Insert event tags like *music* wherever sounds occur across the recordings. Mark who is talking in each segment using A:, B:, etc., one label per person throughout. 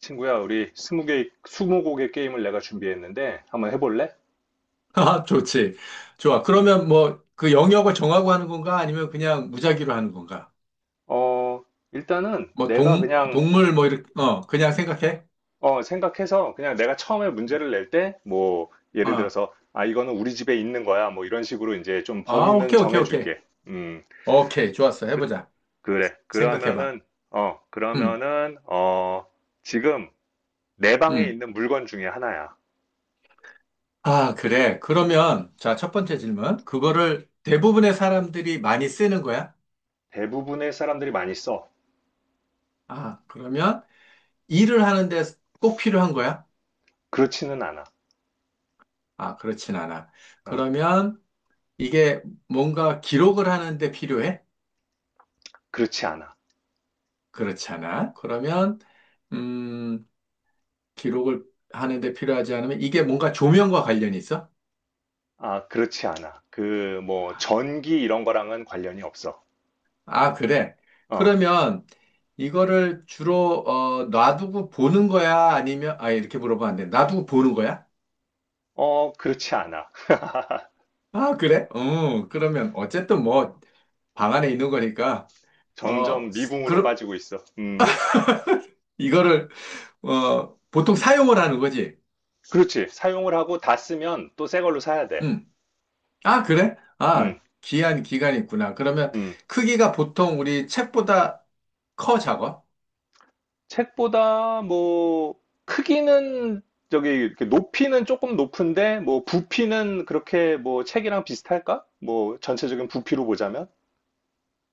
A: 친구야, 우리 20개, 20곡의 게임을 내가 준비했는데, 한번 해볼래?
B: 아, 좋지. 좋아.
A: 음.
B: 그러면 뭐 그 영역을 정하고 하는 건가? 아니면 그냥 무작위로 하는 건가?
A: 어, 일단은
B: 뭐
A: 내가
B: 동,
A: 그냥,
B: 동물 뭐 이렇게, 어, 그냥 생각해?
A: 생각해서 그냥 내가 처음에 문제를 낼 때, 뭐, 예를
B: 어.
A: 들어서, 아, 이거는 우리 집에 있는 거야. 뭐 이런 식으로 이제 좀
B: 아,
A: 범위는
B: 오케이, 오케이, 오케이.
A: 정해줄게. 음,
B: 오케이. 좋았어.
A: 그,
B: 해보자.
A: 그래.
B: 생각해봐.
A: 그러면은, 어,
B: 음,
A: 그러면은, 어, 지금 내 방에
B: 음.
A: 있는 물건 중에 하나야.
B: 아, 그래. 그러면, 자, 첫 번째 질문. 그거를 대부분의 사람들이 많이 쓰는 거야?
A: 대부분의 사람들이 많이 써.
B: 아, 그러면 일을 하는데 꼭 필요한 거야?
A: 그렇지는 않아.
B: 아, 그렇진 않아.
A: 어,
B: 그러면 이게 뭔가 기록을 하는데 필요해?
A: 그렇지 않아.
B: 그렇지 않아. 그러면 음, 기록을 하는데 필요하지 않으면 이게 뭔가 조명과 관련이 있어?
A: 아, 그렇지 않아. 뭐, 전기 이런 거랑은 관련이 없어.
B: 아, 그래.
A: 어,
B: 그러면 이거를 주로 어, 놔두고 보는 거야? 아니면 아 이렇게 물어보면 안 돼. 놔두고 보는 거야?
A: 그렇지 않아.
B: 아, 그래? 그러면 어쨌든 뭐 방 안에 있는 거니까 어,
A: 점점 미궁으로
B: 그럼
A: 빠지고 있어.
B: 이거를 어, 보통 사용을 하는 거지.
A: 그렇지. 사용을 하고 다 쓰면 또 새 걸로 사야 돼.
B: 음. 아, 그래?
A: 음,
B: 아, 기한 기간이 있구나. 그러면
A: 음.
B: 크기가 보통 우리 책보다 커 작아?
A: 책보다 뭐, 크기는, 저기, 이렇게 높이는 조금 높은데, 뭐, 부피는 그렇게 뭐, 책이랑 비슷할까? 뭐, 전체적인 부피로 보자면?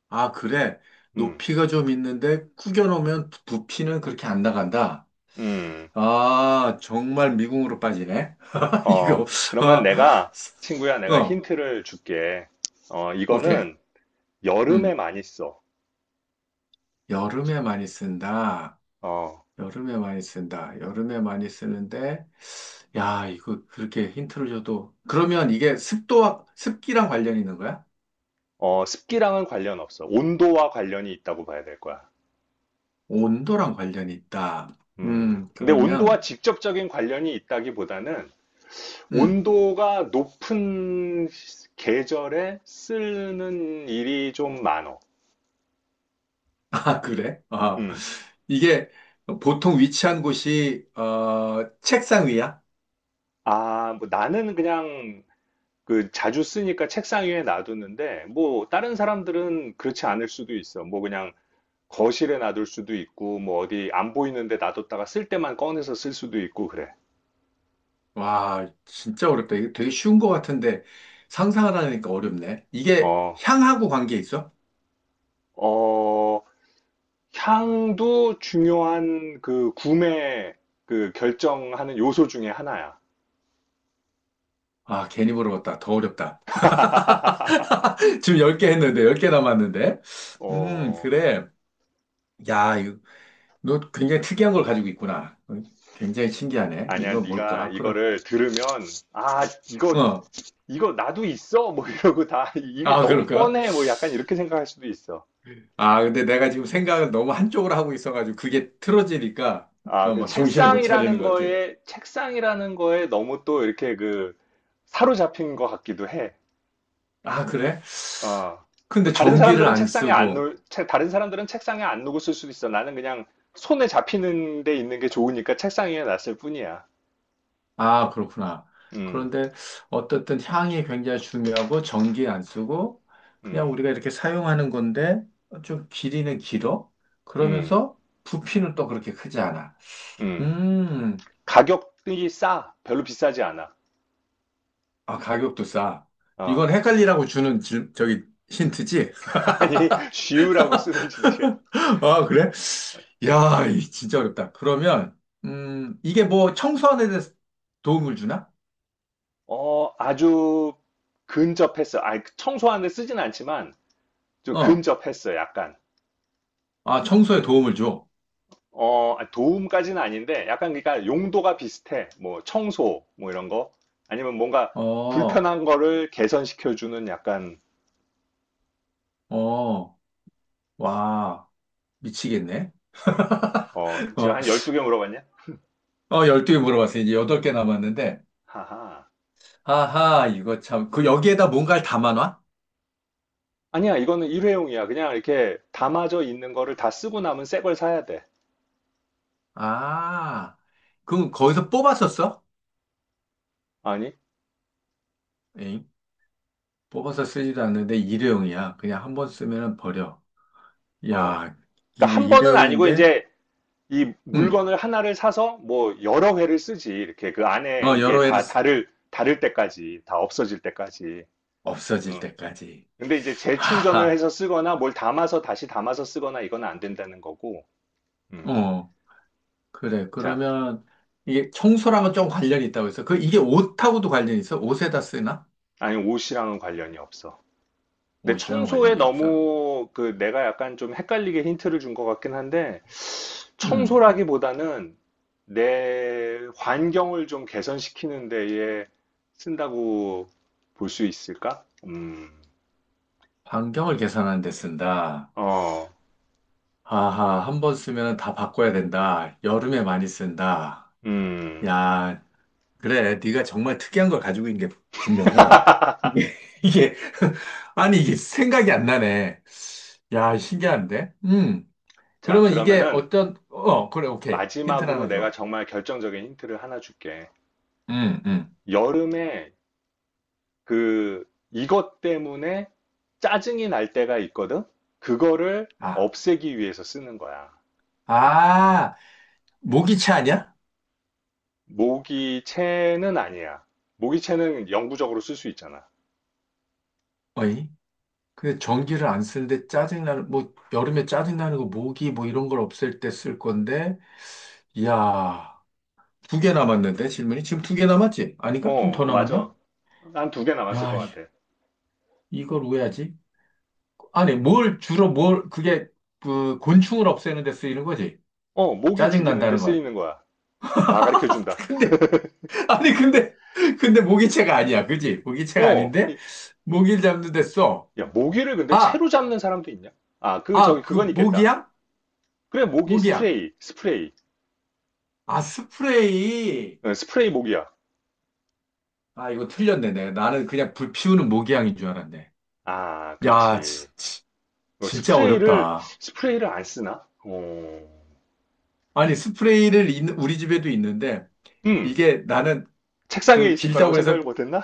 B: 아, 그래.
A: 음,
B: 높이가 좀 있는데 구겨놓으면 부피는 그렇게 안 나간다.
A: 음.
B: 아, 정말 미궁으로 빠지네. *laughs* 이거.
A: 그러면
B: 아,
A: 내가, 친구야, 내가
B: 어,
A: 힌트를 줄게.
B: 오케이.
A: 이거는, 여름에
B: 음,
A: 많이 써.
B: 여름에 많이 쓴다.
A: 어,
B: 여름에 많이 쓴다. 여름에 많이 쓰는데, 야, 이거 그렇게 힌트를 줘도. 그러면 이게 습도와, 습기랑 관련이 있는 거야?
A: 습기랑은 관련 없어. 온도와 관련이 있다고 봐야 될 거야.
B: 온도랑 관련이 있다.
A: 음. 근데 온도와
B: 그러면,
A: 직접적인 관련이 있다기보다는
B: 음.
A: 온도가 높은 계절에 쓰는 일이 좀 많어.
B: 아, 그래? 아,
A: 음.
B: 이게 보통 위치한 곳이, 어, 책상 위야?
A: 아, 뭐 나는 그냥 그 자주 쓰니까 책상 위에 놔두는데 뭐 다른 사람들은 그렇지 않을 수도 있어. 뭐 그냥 거실에 놔둘 수도 있고 뭐 어디 안 보이는데 놔뒀다가 쓸 때만 꺼내서 쓸 수도 있고 그래.
B: 와, 진짜 어렵다. 이거 되게 쉬운 것 같은데 상상하라니까 어렵네. 이게
A: 어.
B: 향하고 관계 있어?
A: 어, 향도 중요한 그 구매 그 결정하는 요소 중에 하나야.
B: 아, 괜히 물어봤다. 더 어렵다.
A: *laughs*
B: *laughs* 지금 10개 했는데, 10개 남았는데.
A: 어,
B: 그래. 야, 이거, 너 굉장히 특이한 걸 가지고 있구나. 어, 굉장히 신기하네.
A: 아니야,
B: 이거
A: 네가
B: 뭘까? 그럼.
A: 이거를 들으면 아, 이거
B: 어.
A: 이거 나도 있어. 뭐 이러고 다 이게
B: 아,
A: 너무
B: 그럴까?
A: 뻔해. 뭐 약간 이렇게 생각할 수도 있어.
B: 아, 근데 내가 지금 생각을 너무 한쪽으로 하고 있어가지고 그게 틀어지니까
A: 아,
B: 어,
A: 그
B: 막 정신을 못 차리는
A: 책상이라는
B: 것 같아.
A: 거에 책상이라는 거에 너무 또 이렇게 그 사로잡힌 것 같기도 해.
B: 아, 그래?
A: 어, 뭐
B: 근데
A: 다른
B: 전기를
A: 사람들은
B: 안
A: 책상에 안
B: 쓰고.
A: 놓을, 다른 사람들은 책상에 안 놓고 쓸 수도 있어. 나는 그냥 손에 잡히는 데 있는 게 좋으니까 책상 위에 놨을 뿐이야.
B: 아, 그렇구나.
A: 음,
B: 그런데 어떻든 향이 굉장히 중요하고 전기 안 쓰고 그냥
A: 음,
B: 우리가 이렇게 사용하는 건데 좀 길이는 길어?
A: 음,
B: 그러면서 부피는 또 그렇게 크지 않아.
A: 음.
B: 음,
A: 가격이 싸. 별로 비싸지 않아.
B: 아, 가격도 싸.
A: 어,
B: 이건 헷갈리라고 주는 저기 힌트지?
A: *laughs* 아니, 쉬우라고 쓰는 진트야.
B: 아, 그래? 야, 이 진짜 어렵다. 그러면, 이게 뭐 청소하는 데 대해서 도움을 주나?
A: 아주 근접했어. 아니, 청소하는데 쓰진 않지만 좀
B: 어,
A: 근접했어, 약간.
B: 아, 청소에 도움을 줘.
A: 아, 도움까지는 아닌데, 약간 그러니까 용도가 비슷해. 뭐 청소, 뭐 이런 거. 아니면 뭔가
B: 어,
A: 불편한 거를 개선시켜주는 약간,
B: 어, 와, 미치겠네. *laughs*
A: 제가
B: 어,
A: 한 12개 물어봤냐?
B: 어, 12개 물어봤어. 이제 8개 남았는데.
A: 하하.
B: 아하, 이거 참. 그 여기에다 뭔가를 담아놔?
A: 아니야, 이거는 일회용이야. 그냥 이렇게 담아져 있는 거를 다 쓰고 남은 새 걸 사야 돼.
B: 아, 그럼 거기서 뽑아서 써?
A: 아니?
B: 에잉? 뽑아서 쓰지도 않는데 일회용이야. 그냥 한번 쓰면 버려.
A: 어.
B: 야,
A: 그러니까 한 번은 아니고,
B: 일회용인데?
A: 이제 이
B: 응.
A: 물건을 하나를 사서 뭐 여러 회를 쓰지. 이렇게 그 안에
B: 어,
A: 이게
B: 여러 애를,
A: 다 다를 때까지, 다 없어질 때까지.
B: 없어질
A: 응.
B: 때까지.
A: 근데 이제 재충전을
B: 아,
A: 해서 쓰거나 뭘 담아서 다시 담아서 쓰거나 이건 안 된다는 거고, 음.
B: 어, 그래.
A: 자,
B: 그러면 이게 청소랑은 좀 관련이 있다고 해서 그 이게 옷하고도 관련이 있어? 옷에다 쓰나?
A: 아니 옷이랑은 관련이 없어. 근데
B: 옷이랑
A: 청소에
B: 관련이 없어.
A: 너무 그 내가 약간 좀 헷갈리게 힌트를 준 것 같긴 한데,
B: 음,
A: 청소라기보다는 내 환경을 좀 개선시키는 데에 쓴다고 볼 수 있을까?
B: 반경을 계산하는 데 쓴다.
A: 어,
B: 아하, 한 번 쓰면 다 바꿔야 된다. 여름에 많이 쓴다.
A: 음.
B: 야, 그래. 네가 정말 특이한 걸 가지고 있는 게 분명해. 이게, *laughs* 이게, *laughs* 아니, 이게 생각이 안 나네. 야, 신기한데? 음.
A: 자,
B: 그러면 이게
A: 그러면은
B: 어떤, 어, 그래, 오케이. 힌트를
A: 마지막으로
B: 하나
A: 내가
B: 줘.
A: 정말 결정적인 힌트를 하나 줄게.
B: 응 응
A: 여름에 그 이것 때문에 짜증이 날 때가 있거든. 그거를
B: 아,
A: 없애기 위해서 쓰는 거야.
B: 아, 모기채 아니야?
A: 모기채는 아니야. 모기채는 영구적으로 쓸 수 있잖아.
B: 어이? 근데 전기를 안 쓰는데 짜증나는, 뭐, 여름에 짜증나는 거, 모기 뭐 이런 걸 없앨 때 쓸 건데, 이야, 두 개 남았는데, 질문이? 지금 두 개 남았지? 아닌가? 좀
A: 어,
B: 더
A: 맞아.
B: 남았나?
A: 한 두 개 남았을 것
B: 야,
A: 같아.
B: 이걸 왜 하지? 아니, 뭘, 주로 뭘, 그게, 그, 곤충을 없애는 데 쓰이는 거지?
A: 모기 죽이는데
B: 짜증난다는 건.
A: 쓰이는 거야. 다 가르쳐 준다.
B: *laughs* 근데, 아니, 근데, 근데 모기채가 아니야. 그지? 모기채가
A: 어,
B: 아닌데?
A: 이-
B: 모기를 잡는 데 써.
A: 야, 모기를 근데
B: 아,
A: 채로 잡는 사람도 있냐? 아, 저기,
B: 아, 그
A: 그건 있겠다.
B: 모기향?
A: 그래, 모기
B: 모기향.
A: 스프레이, 스프레이.
B: 아, 스프레이.
A: 스프레이 모기야.
B: 아, 이거 틀렸네. 내 나는 그냥 불 피우는 모기향인 줄 알았네.
A: 아,
B: 야,
A: 그렇지.
B: 진짜
A: 스프레이를,
B: 어렵다.
A: 스프레이를 안 쓰나? 어.
B: 아니, 우리 집에도 있는데
A: 음,
B: 이게 나는
A: 책상 위에
B: 그
A: 있을 거라고
B: 길다고
A: 생각을
B: 해서
A: 못 했나?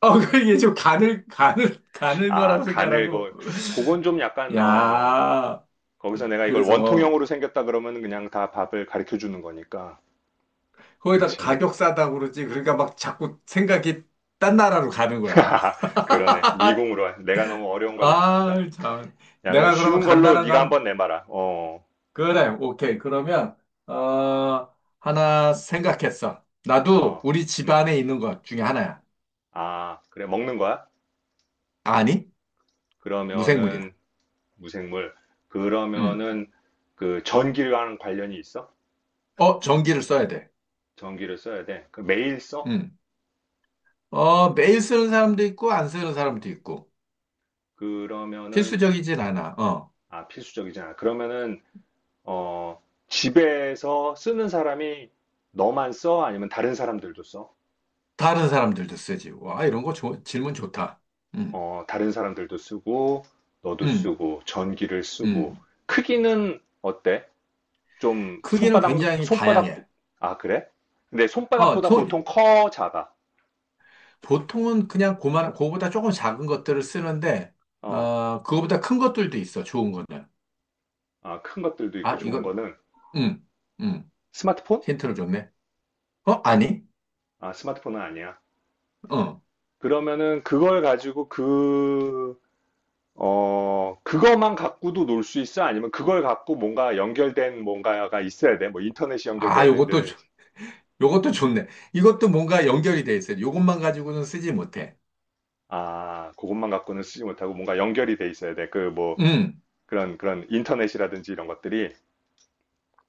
B: 어, *laughs* 이게 좀 가늘
A: 아,
B: 거라고
A: 간을,
B: 생각하고.
A: 그건 좀 약간,
B: 야,
A: 거기서 내가 이걸
B: 그래서
A: 원통형으로 생겼다 그러면 그냥 다 밥을 가르쳐 주는 거니까.
B: 거기다
A: 그치.
B: 가격 싸다고 그러지. 그러니까 막 자꾸 생각이 딴 나라로 가는 거야.
A: *laughs* 그러네.
B: *laughs*
A: 미궁으로. 내가 너무 어려운 걸 냈나 보다.
B: 아, 참.
A: 야, 그럼
B: 내가 그러면
A: 쉬운 걸로
B: 간단한
A: 네가
B: 건,
A: 한번 내봐라. 어.
B: 그래, 오케이. 그러면, 어, 하나 생각했어. 나도
A: 어.
B: 우리
A: 음.
B: 집안에 있는 것 중에 하나야.
A: 아, 그래. 먹는 거야?
B: 아니,
A: 그러면은
B: 무생물이야.
A: 무생물.
B: 응.
A: 그러면은 그 전기랑 관련이 있어?
B: 어, 전기를 써야 돼.
A: 전기를 써야 돼. 그 매일 써?
B: 응. 어, 매일 쓰는 사람도 있고, 안 쓰는 사람도 있고.
A: 그러면은
B: 필수적이진 않아. 어.
A: 아, 필수적이잖아. 그러면은 어, 집에서 쓰는 사람이 너만 써? 아니면 다른 사람들도 써?
B: 다른 사람들도 쓰지. 와, 이런 거 질문 좋다. 응,
A: 다른 사람들도 쓰고, 너도
B: 응,
A: 쓰고, 전기를 쓰고.
B: 응.
A: 크기는 어때? 좀
B: 크기는
A: 손바닥,
B: 굉장히
A: 손바닥,
B: 다양해.
A: 아, 그래? 근데
B: 어,
A: 손바닥보다
B: 소,
A: 보통 커, 작아?
B: 보통은 그냥 고만, 그거보다 조금 작은 것들을 쓰는데,
A: 어,
B: 어, 그거보다 큰 것들도 있어, 좋은 거는.
A: 아, 큰 것들도 있고
B: 아,
A: 좋은
B: 이거,
A: 거는
B: 음, 음,
A: 스마트폰?
B: 힌트를 줬네. 어, 아니?
A: 아, 스마트폰은 아니야.
B: 어.
A: 그러면은 그걸 가지고 그 그거만 갖고도 놀 수 있어? 아니면 그걸 갖고 뭔가 연결된 뭔가가 있어야 돼? 뭐 인터넷이
B: 아,
A: 연결돼야
B: 요것도,
A: 된다든지.
B: 요것도 좋네. 이것도 뭔가 연결이 돼 있어요. 요것만 가지고는 쓰지 못해.
A: 아, 그것만 갖고는 쓰지 못하고 뭔가 연결이 돼 있어야 돼. 그 뭐,
B: 음,
A: 그런 인터넷이라든지 이런 것들이.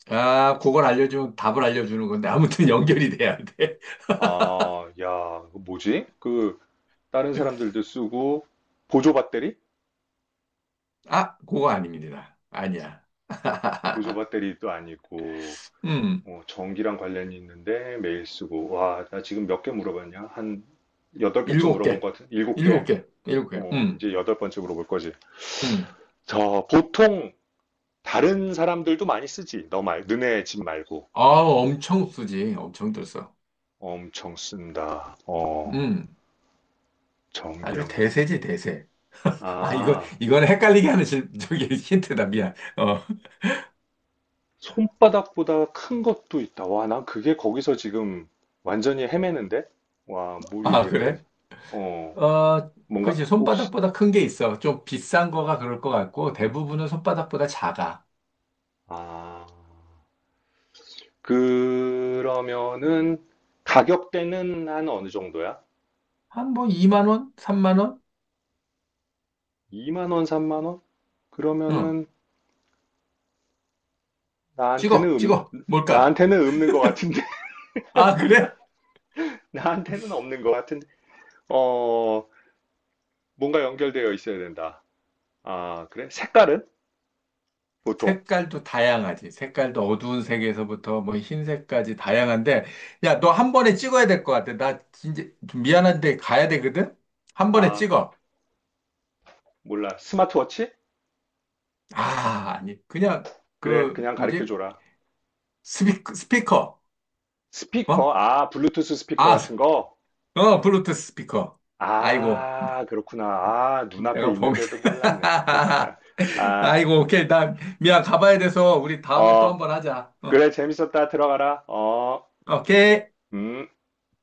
B: 아, 그걸 알려주면 답을 알려주는 건데, 아무튼 *laughs* 연결이 돼야 돼. *laughs*
A: 아, 야, 그거 뭐지? 다른 사람들도 쓰고, 보조 배터리?
B: 아, 그거 아닙니다. 아니야.
A: 보조
B: *laughs*
A: 배터리도 아니고,
B: 음,
A: 전기랑 관련이 있는데 매일 쓰고. 와, 나 지금 몇 개 물어봤냐? 한 여덟 개쯤
B: 일곱
A: 물어본
B: 개.
A: 것 같은? 일곱
B: 일곱
A: 개.
B: 개. 일곱 개.
A: 이제 여덟 번째 물어볼 거지.
B: 음.
A: 저 보통 다른 사람들도 많이 쓰지. 너 말, 너네 집 말고.
B: 아, 엄청 쓰지. 엄청 들써.
A: 엄청 쓴다.
B: 음, 아주
A: 전기란 걸.
B: 대세지, 대세. *laughs* 아, 이거,
A: 아,
B: 이건 헷갈리게 하는 저기 힌트다. 미안. 어,
A: 손바닥보다 큰 것도 있다. 와, 난 그게 거기서 지금 완전히 헤매는데? 와, 뭘
B: 아,
A: 얘기를
B: 그래?
A: 해야지. 어,
B: 어,
A: 뭔가,
B: 그치.
A: 혹시,
B: 손바닥보다 큰 게 있어. 좀 비싼 거가 그럴 것 같고, 대부분은 손바닥보다 작아.
A: 아, 그러면은 가격대는 한 어느 정도야?
B: 한 뭐 2만 원? 3만 원?
A: 2만 원, 3만 원?
B: 응.
A: 그러면은
B: 찍어,
A: 나한테는
B: 찍어.
A: 음,
B: 뭘까?
A: 나한테는 없는 것 같은데.
B: 아, 그래?
A: 나한테는 없는 것 같은데, 어, 뭔가 연결되어 있어야 된다. 아, 그래? 색깔은? 보통?
B: 색깔도 다양하지. 색깔도 어두운 색에서부터 뭐 흰색까지 다양한데, 야, 너 한 번에 찍어야 될 것 같아. 나 진짜 좀 미안한데 가야 되거든? 한 번에
A: 아,
B: 찍어.
A: 몰라. 스마트워치?
B: 아, 아니. 그냥
A: 그래,
B: 그,
A: 그냥 가르쳐
B: 뭐지?
A: 줘라.
B: 스피커, 스피커.
A: 스피커?
B: 어?
A: 아, 블루투스 스피커
B: 아,
A: 같은 거?
B: 어, 블루투스 스피커. 아이고,
A: 아, 그렇구나. 아, 눈앞에
B: 내가 범인.
A: 있는데도 몰랐네. *laughs*
B: *laughs*
A: 아,
B: 아이고, 오케이. 나 미안. 가봐야 돼서 우리 다음에 또 한
A: 어,
B: 번 하자. 어,
A: 그래, 재밌었다. 들어가라. 어.
B: 오케이.
A: 음.